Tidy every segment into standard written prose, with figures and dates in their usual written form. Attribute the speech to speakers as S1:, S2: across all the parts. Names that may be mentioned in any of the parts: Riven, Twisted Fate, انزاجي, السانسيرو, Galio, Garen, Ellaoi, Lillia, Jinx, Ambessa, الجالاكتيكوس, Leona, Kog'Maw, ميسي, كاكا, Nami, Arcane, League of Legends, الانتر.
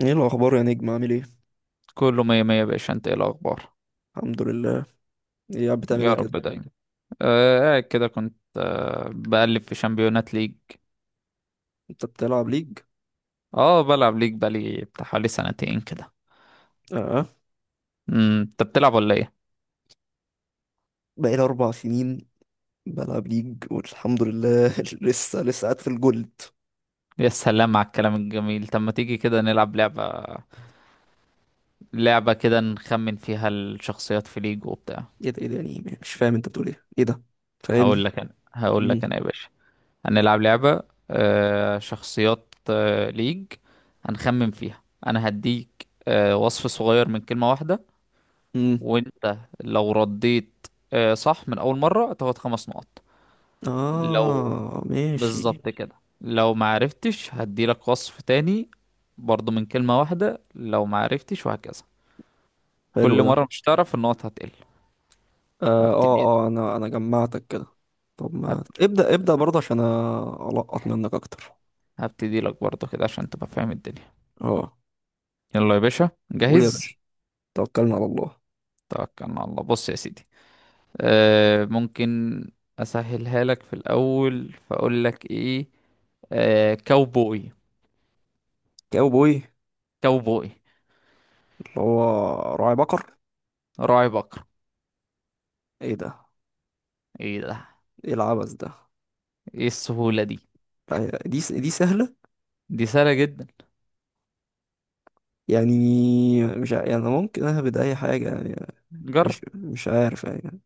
S1: ايه الاخبار يا نجم؟ عامل ايه؟
S2: كله مية مية يا باشا، انت ايه الاخبار؟
S1: الحمد لله. ايه؟ قاعد بتعمل
S2: يا
S1: ايه
S2: الحمد
S1: كده؟
S2: رب لله دايما. قاعد كده، كنت بقلب في شامبيونات ليج.
S1: انت بتلعب ليج؟
S2: اه، بلعب ليج بقالي بتاع حوالي 2 سنين كده.
S1: اه،
S2: انت بتلعب ولا ايه؟
S1: بقالي 4 سنين بلعب ليج والحمد لله. لسه لسه قاعد في الجولد.
S2: يا سلام على الكلام الجميل. طب ما تيجي كده نلعب لعبة، لعبة كده نخمن فيها الشخصيات في ليج وبتاع.
S1: ايه ده؟ ايه ده؟ يعني مش فاهم انت بتقول ايه. ايه ده؟
S2: هقول
S1: فاهمني؟
S2: لك انا هقول لك
S1: امم.
S2: انا يا باشا. هنلعب لعبة شخصيات ليج، هنخمن فيها. انا هديك وصف صغير من كلمة واحدة،
S1: امم.
S2: وانت لو رديت صح من اول مرة، تاخد 5 نقط. لو،
S1: اه، ماشي.
S2: بالظبط كده، لو ما عرفتش هديلك وصف تاني برضو من كلمة واحدة، لو ما عرفتش وهكذا.
S1: حلو
S2: كل
S1: ده.
S2: مرة مش هتعرف النقط هتقل.
S1: اه،
S2: هبتدي.
S1: اه، انا جمعتك كده. طب ما
S2: هبت-
S1: ابدا ابدا برضه عشان القط منك اكتر.
S2: هبتدي لك برضو كده عشان تبقى فاهم الدنيا.
S1: اه،
S2: يلا يا باشا،
S1: قول يا
S2: جاهز؟
S1: باشا. توكلنا على الله.
S2: توكلنا على الله. بص يا سيدي، ممكن اسهلها لك في الاول، فاقول لك ايه؟ كاوبوي.
S1: كاوبوي.
S2: كاوبوي.
S1: اللي هو راعي بقر.
S2: راعي بقر.
S1: ايه ده؟
S2: ايه ده؟
S1: ايه العبث ده؟
S2: ايه السهولة دي؟
S1: لا، دي سهلة.
S2: دي سهلة جدا.
S1: يعني مش يعني ممكن اهبد اي حاجة يعني. مش
S2: جرب.
S1: مش عارف يعني.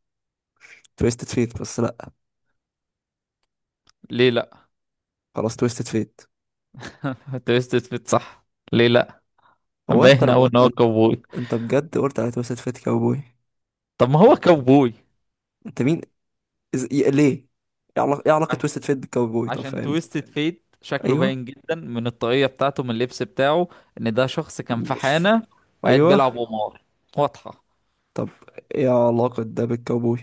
S1: تويستد فيت، بس لا.
S2: ليه لا؟
S1: خلاص تويستد فيت.
S2: انت بس تثبت صح. ليه لا؟
S1: هو انت
S2: باين اوي ان هو
S1: انت
S2: كوبوي.
S1: أنت بجد قلت على تويستد فيت كاوبوي؟
S2: طب ما هو كوبوي.
S1: انت مين؟ ليه؟ ايه علاقة
S2: عش-
S1: تويستد فيت بالكاوبوي؟ طب
S2: عشان
S1: فاهمني.
S2: تويستد فيت شكله
S1: ايوه.
S2: باين جدا من الطاقية بتاعته، من اللبس بتاعه، ان ده شخص كان في
S1: مش.
S2: حانة وقاعد بيلعب
S1: ايوه،
S2: قمار. واضحة.
S1: طب. ايه علاقة ده بالكاوبوي؟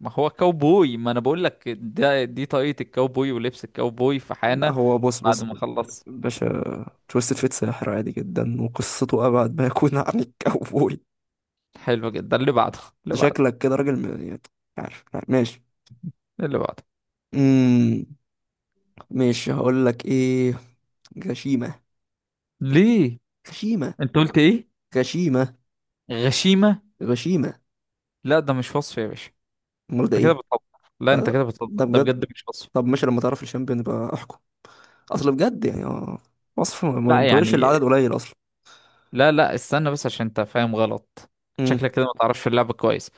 S2: ما هو كوبوي، ما انا بقول لك ده، دي طاقية الكوبوي ولبس الكوبوي في
S1: لا،
S2: حانة
S1: هو بص
S2: بعد
S1: بص
S2: ما
S1: بص،
S2: خلص.
S1: باشا. تويستد فيت ساحر عادي جدا وقصته ابعد ما يكون عن الكاوبوي.
S2: حلو جدا. اللي بعده، اللي
S1: انت
S2: بعده،
S1: شكلك كده راجل يعني. عارف. ماشي.
S2: اللي بعده.
S1: امم ماشي، هقول لك ايه. غشيمة،
S2: ليه؟
S1: غشيمة،
S2: انت قلت ايه؟
S1: غشيمة،
S2: غشيمة.
S1: غشيمة.
S2: لا ده مش وصف يا باشا.
S1: امال ده
S2: انت كده
S1: ايه؟
S2: بتهزر. لا
S1: لا،
S2: انت
S1: لا،
S2: كده بتهزر،
S1: ده
S2: ده بجد
S1: بجد.
S2: مش وصف.
S1: طب ماشي، لما تعرف الشامبيون يبقى احكم. اصل بجد يعني، اه. وصف ما
S2: لا
S1: ينطبقش.
S2: يعني.
S1: العدد قليل اصلا.
S2: لا، لا، استنى بس عشان انت فاهم غلط.
S1: امم.
S2: شكلك كده ما تعرفش اللعبة كويس.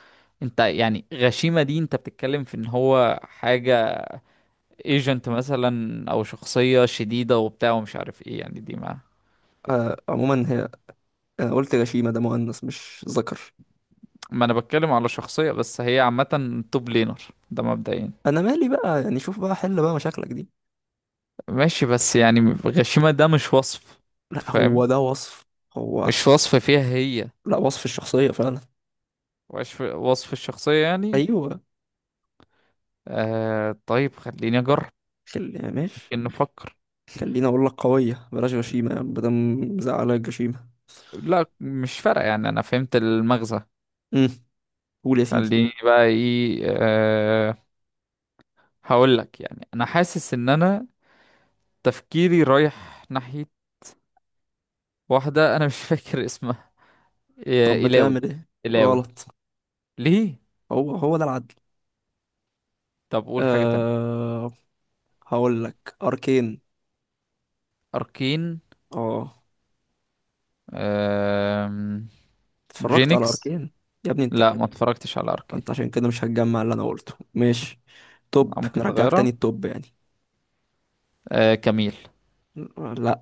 S2: انت يعني غشيمة دي، انت بتتكلم في ان هو حاجة، ايجنت مثلا او شخصية شديدة وبتاع ومش عارف ايه، يعني دي ما.
S1: عموما هي. انا قلت غشيمة. ده مؤنث مش ذكر.
S2: ما انا بتكلم على شخصية بس هي عامة توب لينر، ده مبدئيا.
S1: انا مالي بقى يعني، شوف بقى حل بقى مشاكلك دي.
S2: ماشي بس يعني، غشيمة ده مش وصف. أنت
S1: لا،
S2: فاهم،
S1: هو ده وصف. هو.
S2: مش وصف فيها هي.
S1: لا، وصف الشخصية فعلا.
S2: وصف الشخصية يعني.
S1: ايوه.
S2: طيب خليني اجرب.
S1: خل يعني، ماشي.
S2: ان نفكر.
S1: خليني اقول لك قويه، بلاش غشيمه يعني بدل. مزعلك الجشيمه؟
S2: لا مش فارقه يعني، انا فهمت المغزى.
S1: امم. قول يا سيدي.
S2: خليني بقى ايه، هقول لك، يعني انا حاسس ان انا تفكيري رايح ناحيه واحده، انا مش فاكر اسمها.
S1: طب
S2: إلاوي.
S1: بتعمل ايه؟
S2: إلاوي.
S1: غلط.
S2: ليه؟
S1: هو هو ده العدل.
S2: طب قول حاجه تانية.
S1: أه هقول لك اركين.
S2: اركين.
S1: اه.
S2: آه
S1: اتفرجت على
S2: جينكس.
S1: اركين؟ يا ابني انت.
S2: لا ما اتفرجتش على اركين.
S1: انت عشان كده مش هتجمع اللي انا قلته. ماشي.
S2: أو
S1: توب،
S2: ممكن
S1: نرجعك
S2: تغيرها.
S1: تاني التوب يعني.
S2: كميل.
S1: لا.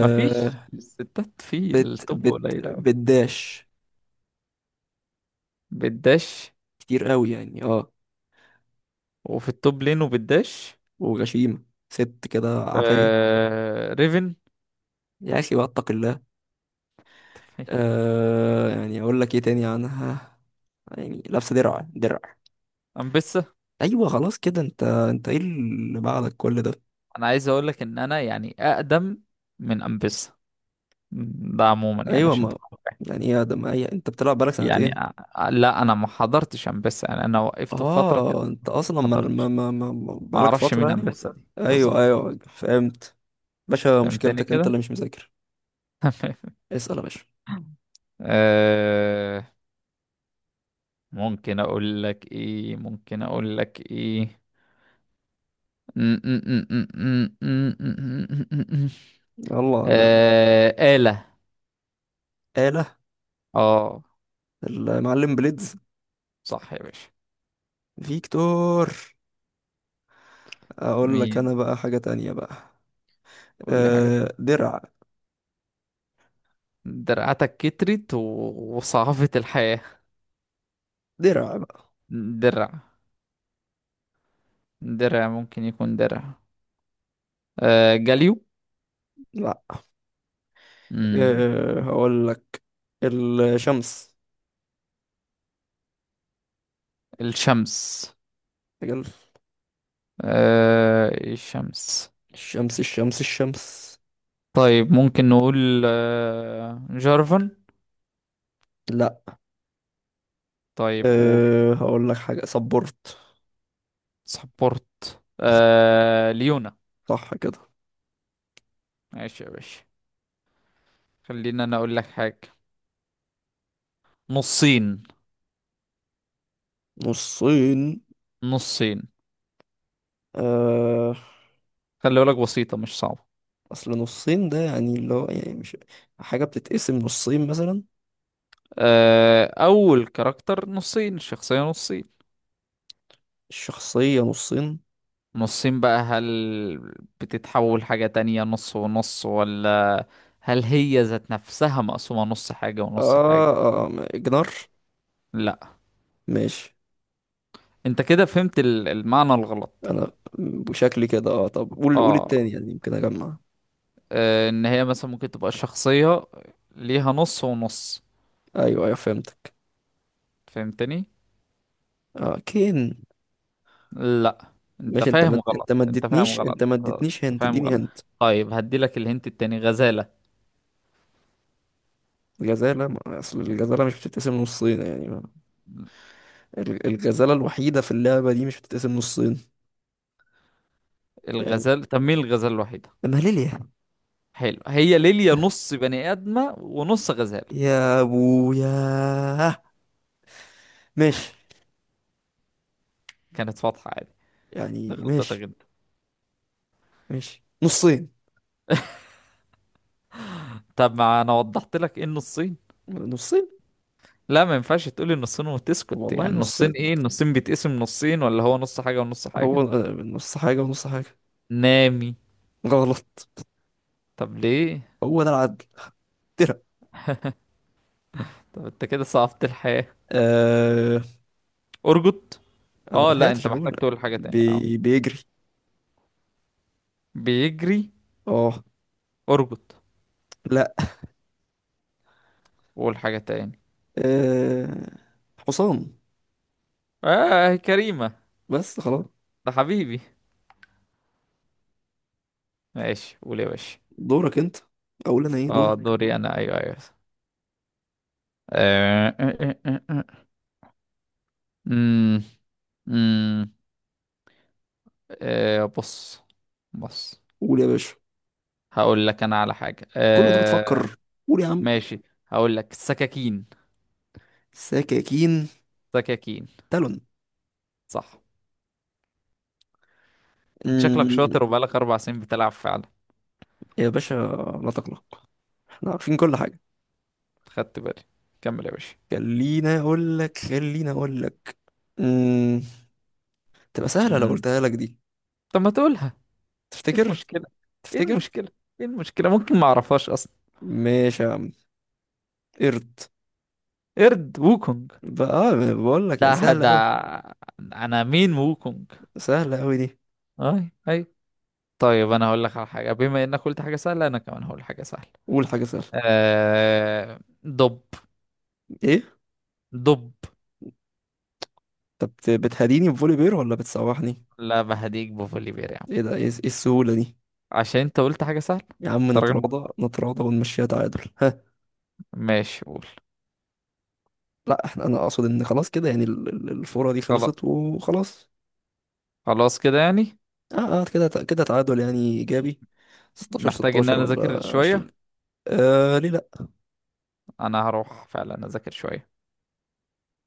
S2: مفيش، الستات في
S1: بت
S2: التوب
S1: بت
S2: قليل أوي.
S1: بتداش.
S2: بتداش.
S1: كتير قوي يعني، اه.
S2: وفي التوب لين وبالداش.
S1: وغشيمه. ست كده عافيه.
S2: ريفن.
S1: يا اخي بقى، اتق الله. يعني اقول لك ايه تاني عنها؟ يعني لابسه درع درع.
S2: امبيسا.
S1: ايوه، خلاص كده. انت ايه اللي بعدك كل ده؟
S2: انا عايز اقول لك ان انا يعني اقدم من امبيسا، ده عموما يعني
S1: ايوه
S2: عشان
S1: ما.
S2: تكون فاهم.
S1: يعني ايه يا ده؟ ما هي انت بتلعب بقالك
S2: يعني
S1: سنتين.
S2: أ- لا انا ما حضرتش امبيسا، يعني انا وقفت في فتره كده،
S1: اه، انت اصلا
S2: ما
S1: ما ما
S2: حضرتش،
S1: ما ما- ما-
S2: ما
S1: بقالك
S2: اعرفش
S1: فتره
S2: مين
S1: يعني.
S2: امبيسا دي.
S1: ايوه،
S2: بالظبط.
S1: ايوه، فهمت. باشا،
S2: فهمتني
S1: مشكلتك انت اللي
S2: كده.
S1: مش مذاكر.
S2: تمام.
S1: اسال يا باشا.
S2: آه... ممكن اقول لك ايه؟
S1: يلا انا.
S2: آلة.
S1: آلة.
S2: اه،
S1: المعلم بليدز.
S2: صح يا باشا.
S1: فيكتور. اقول لك
S2: مين؟
S1: انا بقى حاجه تانية بقى.
S2: قول لي حاجة تانية.
S1: درع.
S2: درعتك كترت وصعبت الحياة.
S1: درع بقى.
S2: درع. درع ممكن يكون درع. جاليو.
S1: لا.
S2: مم.
S1: هقول لك الشمس.
S2: الشمس. الشمس.
S1: الشمس، الشمس، الشمس.
S2: طيب ممكن نقول جارفن.
S1: لا.
S2: طيب قول.
S1: هقول لك حاجة. صبرت.
S2: سبورت ليونا.
S1: صح كده.
S2: ماشي يا باشا. خلينا، انا اقول لك حاجة. نصين.
S1: نصين.
S2: نصين.
S1: أه
S2: خلي بالك بسيطة مش صعبة.
S1: أصل نصين ده يعني اللي هو يعني مش حاجة بتتقسم نصين مثلا.
S2: أول كاركتر، نصين الشخصية نصين.
S1: الشخصية نصين.
S2: نصين بقى، هل بتتحول حاجة تانية نص ونص، ولا هل هي ذات نفسها مقسومة نص حاجة ونص
S1: آه,
S2: حاجة؟
S1: آه جنار.
S2: لا
S1: ماشي.
S2: انت كده فهمت المعنى الغلط.
S1: أنا بشكلي كده، طب قول
S2: اه.
S1: التاني يعني يمكن أجمع.
S2: ان هي مثلا ممكن تبقى الشخصية ليها نص ونص.
S1: أيوه، أيوه، فهمتك.
S2: فهمتني.
S1: كين.
S2: لا. انت
S1: ماشي،
S2: فاهم غلط،
S1: أنت ما
S2: انت فاهم
S1: اديتنيش
S2: غلط.
S1: أنت ما
S2: آه،
S1: اديتنيش
S2: انت
S1: هنت
S2: فاهم
S1: اديني
S2: غلط.
S1: هنت.
S2: طيب هدي لك الهنت التاني، غزالة.
S1: الجزالة أصل الجزالة مش بتتقسم نصين يعني. الغزالة الوحيدة في اللعبة دي مش بتتقسم نصين. يعني
S2: طب مين الغزالة الوحيدة؟
S1: ماليليا.
S2: حلو. هي ليليا نص بني ادمه ونص غزاله،
S1: يا ابويا. ماشي.
S2: كانت واضحه عادي. ده
S1: يعني
S2: غلطتك
S1: ماشي.
S2: جدا.
S1: ماشي، نصين.
S2: طب ما انا وضحت لك ايه النصين.
S1: نصين.
S2: لا ما ينفعش تقولي النصين وتسكت،
S1: والله،
S2: يعني النصين
S1: نصين.
S2: ايه؟ النصين بيتقسم نصين، ولا هو نص حاجه ونص
S1: هو
S2: حاجه.
S1: نص حاجة ونص حاجة.
S2: نامي.
S1: غلط.
S2: طب ليه؟
S1: هو ده العدل. ترى.
S2: طب انت كده صعبت الحياه.
S1: آه
S2: ارجط.
S1: انا ما
S2: اه لا، انت
S1: لحقتش
S2: محتاج
S1: اقول.
S2: تقول حاجه تانية. اه،
S1: بيجري.
S2: بيجري.
S1: اه.
S2: ارجط.
S1: لا.
S2: قول حاجه تاني.
S1: آه حصان.
S2: اه كريمه.
S1: بس خلاص.
S2: ده حبيبي. ماشي قول يا باشا.
S1: دورك انت. اقول انا ايه؟
S2: اه،
S1: دورك.
S2: دوري انا. ايوه، ايوه. آه، آه، آه، آه، آه. امم امم بص. بص.
S1: قول يا باشا.
S2: هقول لك انا على حاجه،
S1: كل ده بتفكر؟ قول يا عم.
S2: ماشي، هقول لك سكاكين.
S1: سكاكين.
S2: سكاكين.
S1: تالون.
S2: صح. انت شكلك
S1: أمم،
S2: شاطر وبقالك 4 سنين بتلعب فعلا.
S1: يا باشا، لا تقلق. احنا عارفين كل حاجة.
S2: خدت بالي. كمل يا باشا.
S1: خليني اقول لك، خليني اقول لك. أمم، تبقى سهلة لو
S2: امم
S1: قلتها لك دي.
S2: طب ما تقولها. ايه
S1: تفتكر؟
S2: المشكله؟ ايه
S1: تفتكر؟
S2: المشكله ايه المشكله؟ ممكن ما اعرفهاش اصلا.
S1: ماشي يا عم. قرد.
S2: قرد ووكونج.
S1: بقى، بقول لك يعني
S2: ده
S1: سهلة
S2: ده
S1: قوي.
S2: انا. مين ووكونج؟
S1: سهلة قوي دي.
S2: اي اي. طيب انا هقول لك على حاجه، بما انك قلت حاجه سهله، انا كمان هقول حاجه سهله.
S1: قول حاجة سهلة.
S2: دب.
S1: ايه؟
S2: دب.
S1: طب بتهديني بفولي بير ولا بتسوحني؟
S2: لا ما هديك بفوليبير يا عم.
S1: ايه ده؟ ايه السهولة دي؟
S2: عشان انت قلت حاجة سهلة.
S1: يا عم،
S2: انت راجل
S1: نتراضى نتراضى ونمشيها تعادل، ها؟
S2: ماشي قول.
S1: لا، انا اقصد ان خلاص كده يعني الفورة دي
S2: خلاص.
S1: خلصت وخلاص.
S2: خلاص كده يعني.
S1: اه، اه، كده كده، تعادل يعني ايجابي. 16
S2: محتاج ان
S1: 16
S2: انا اذاكر
S1: ولا 20؟
S2: شوية.
S1: ليه لا.
S2: انا هروح فعلا اذاكر شوية.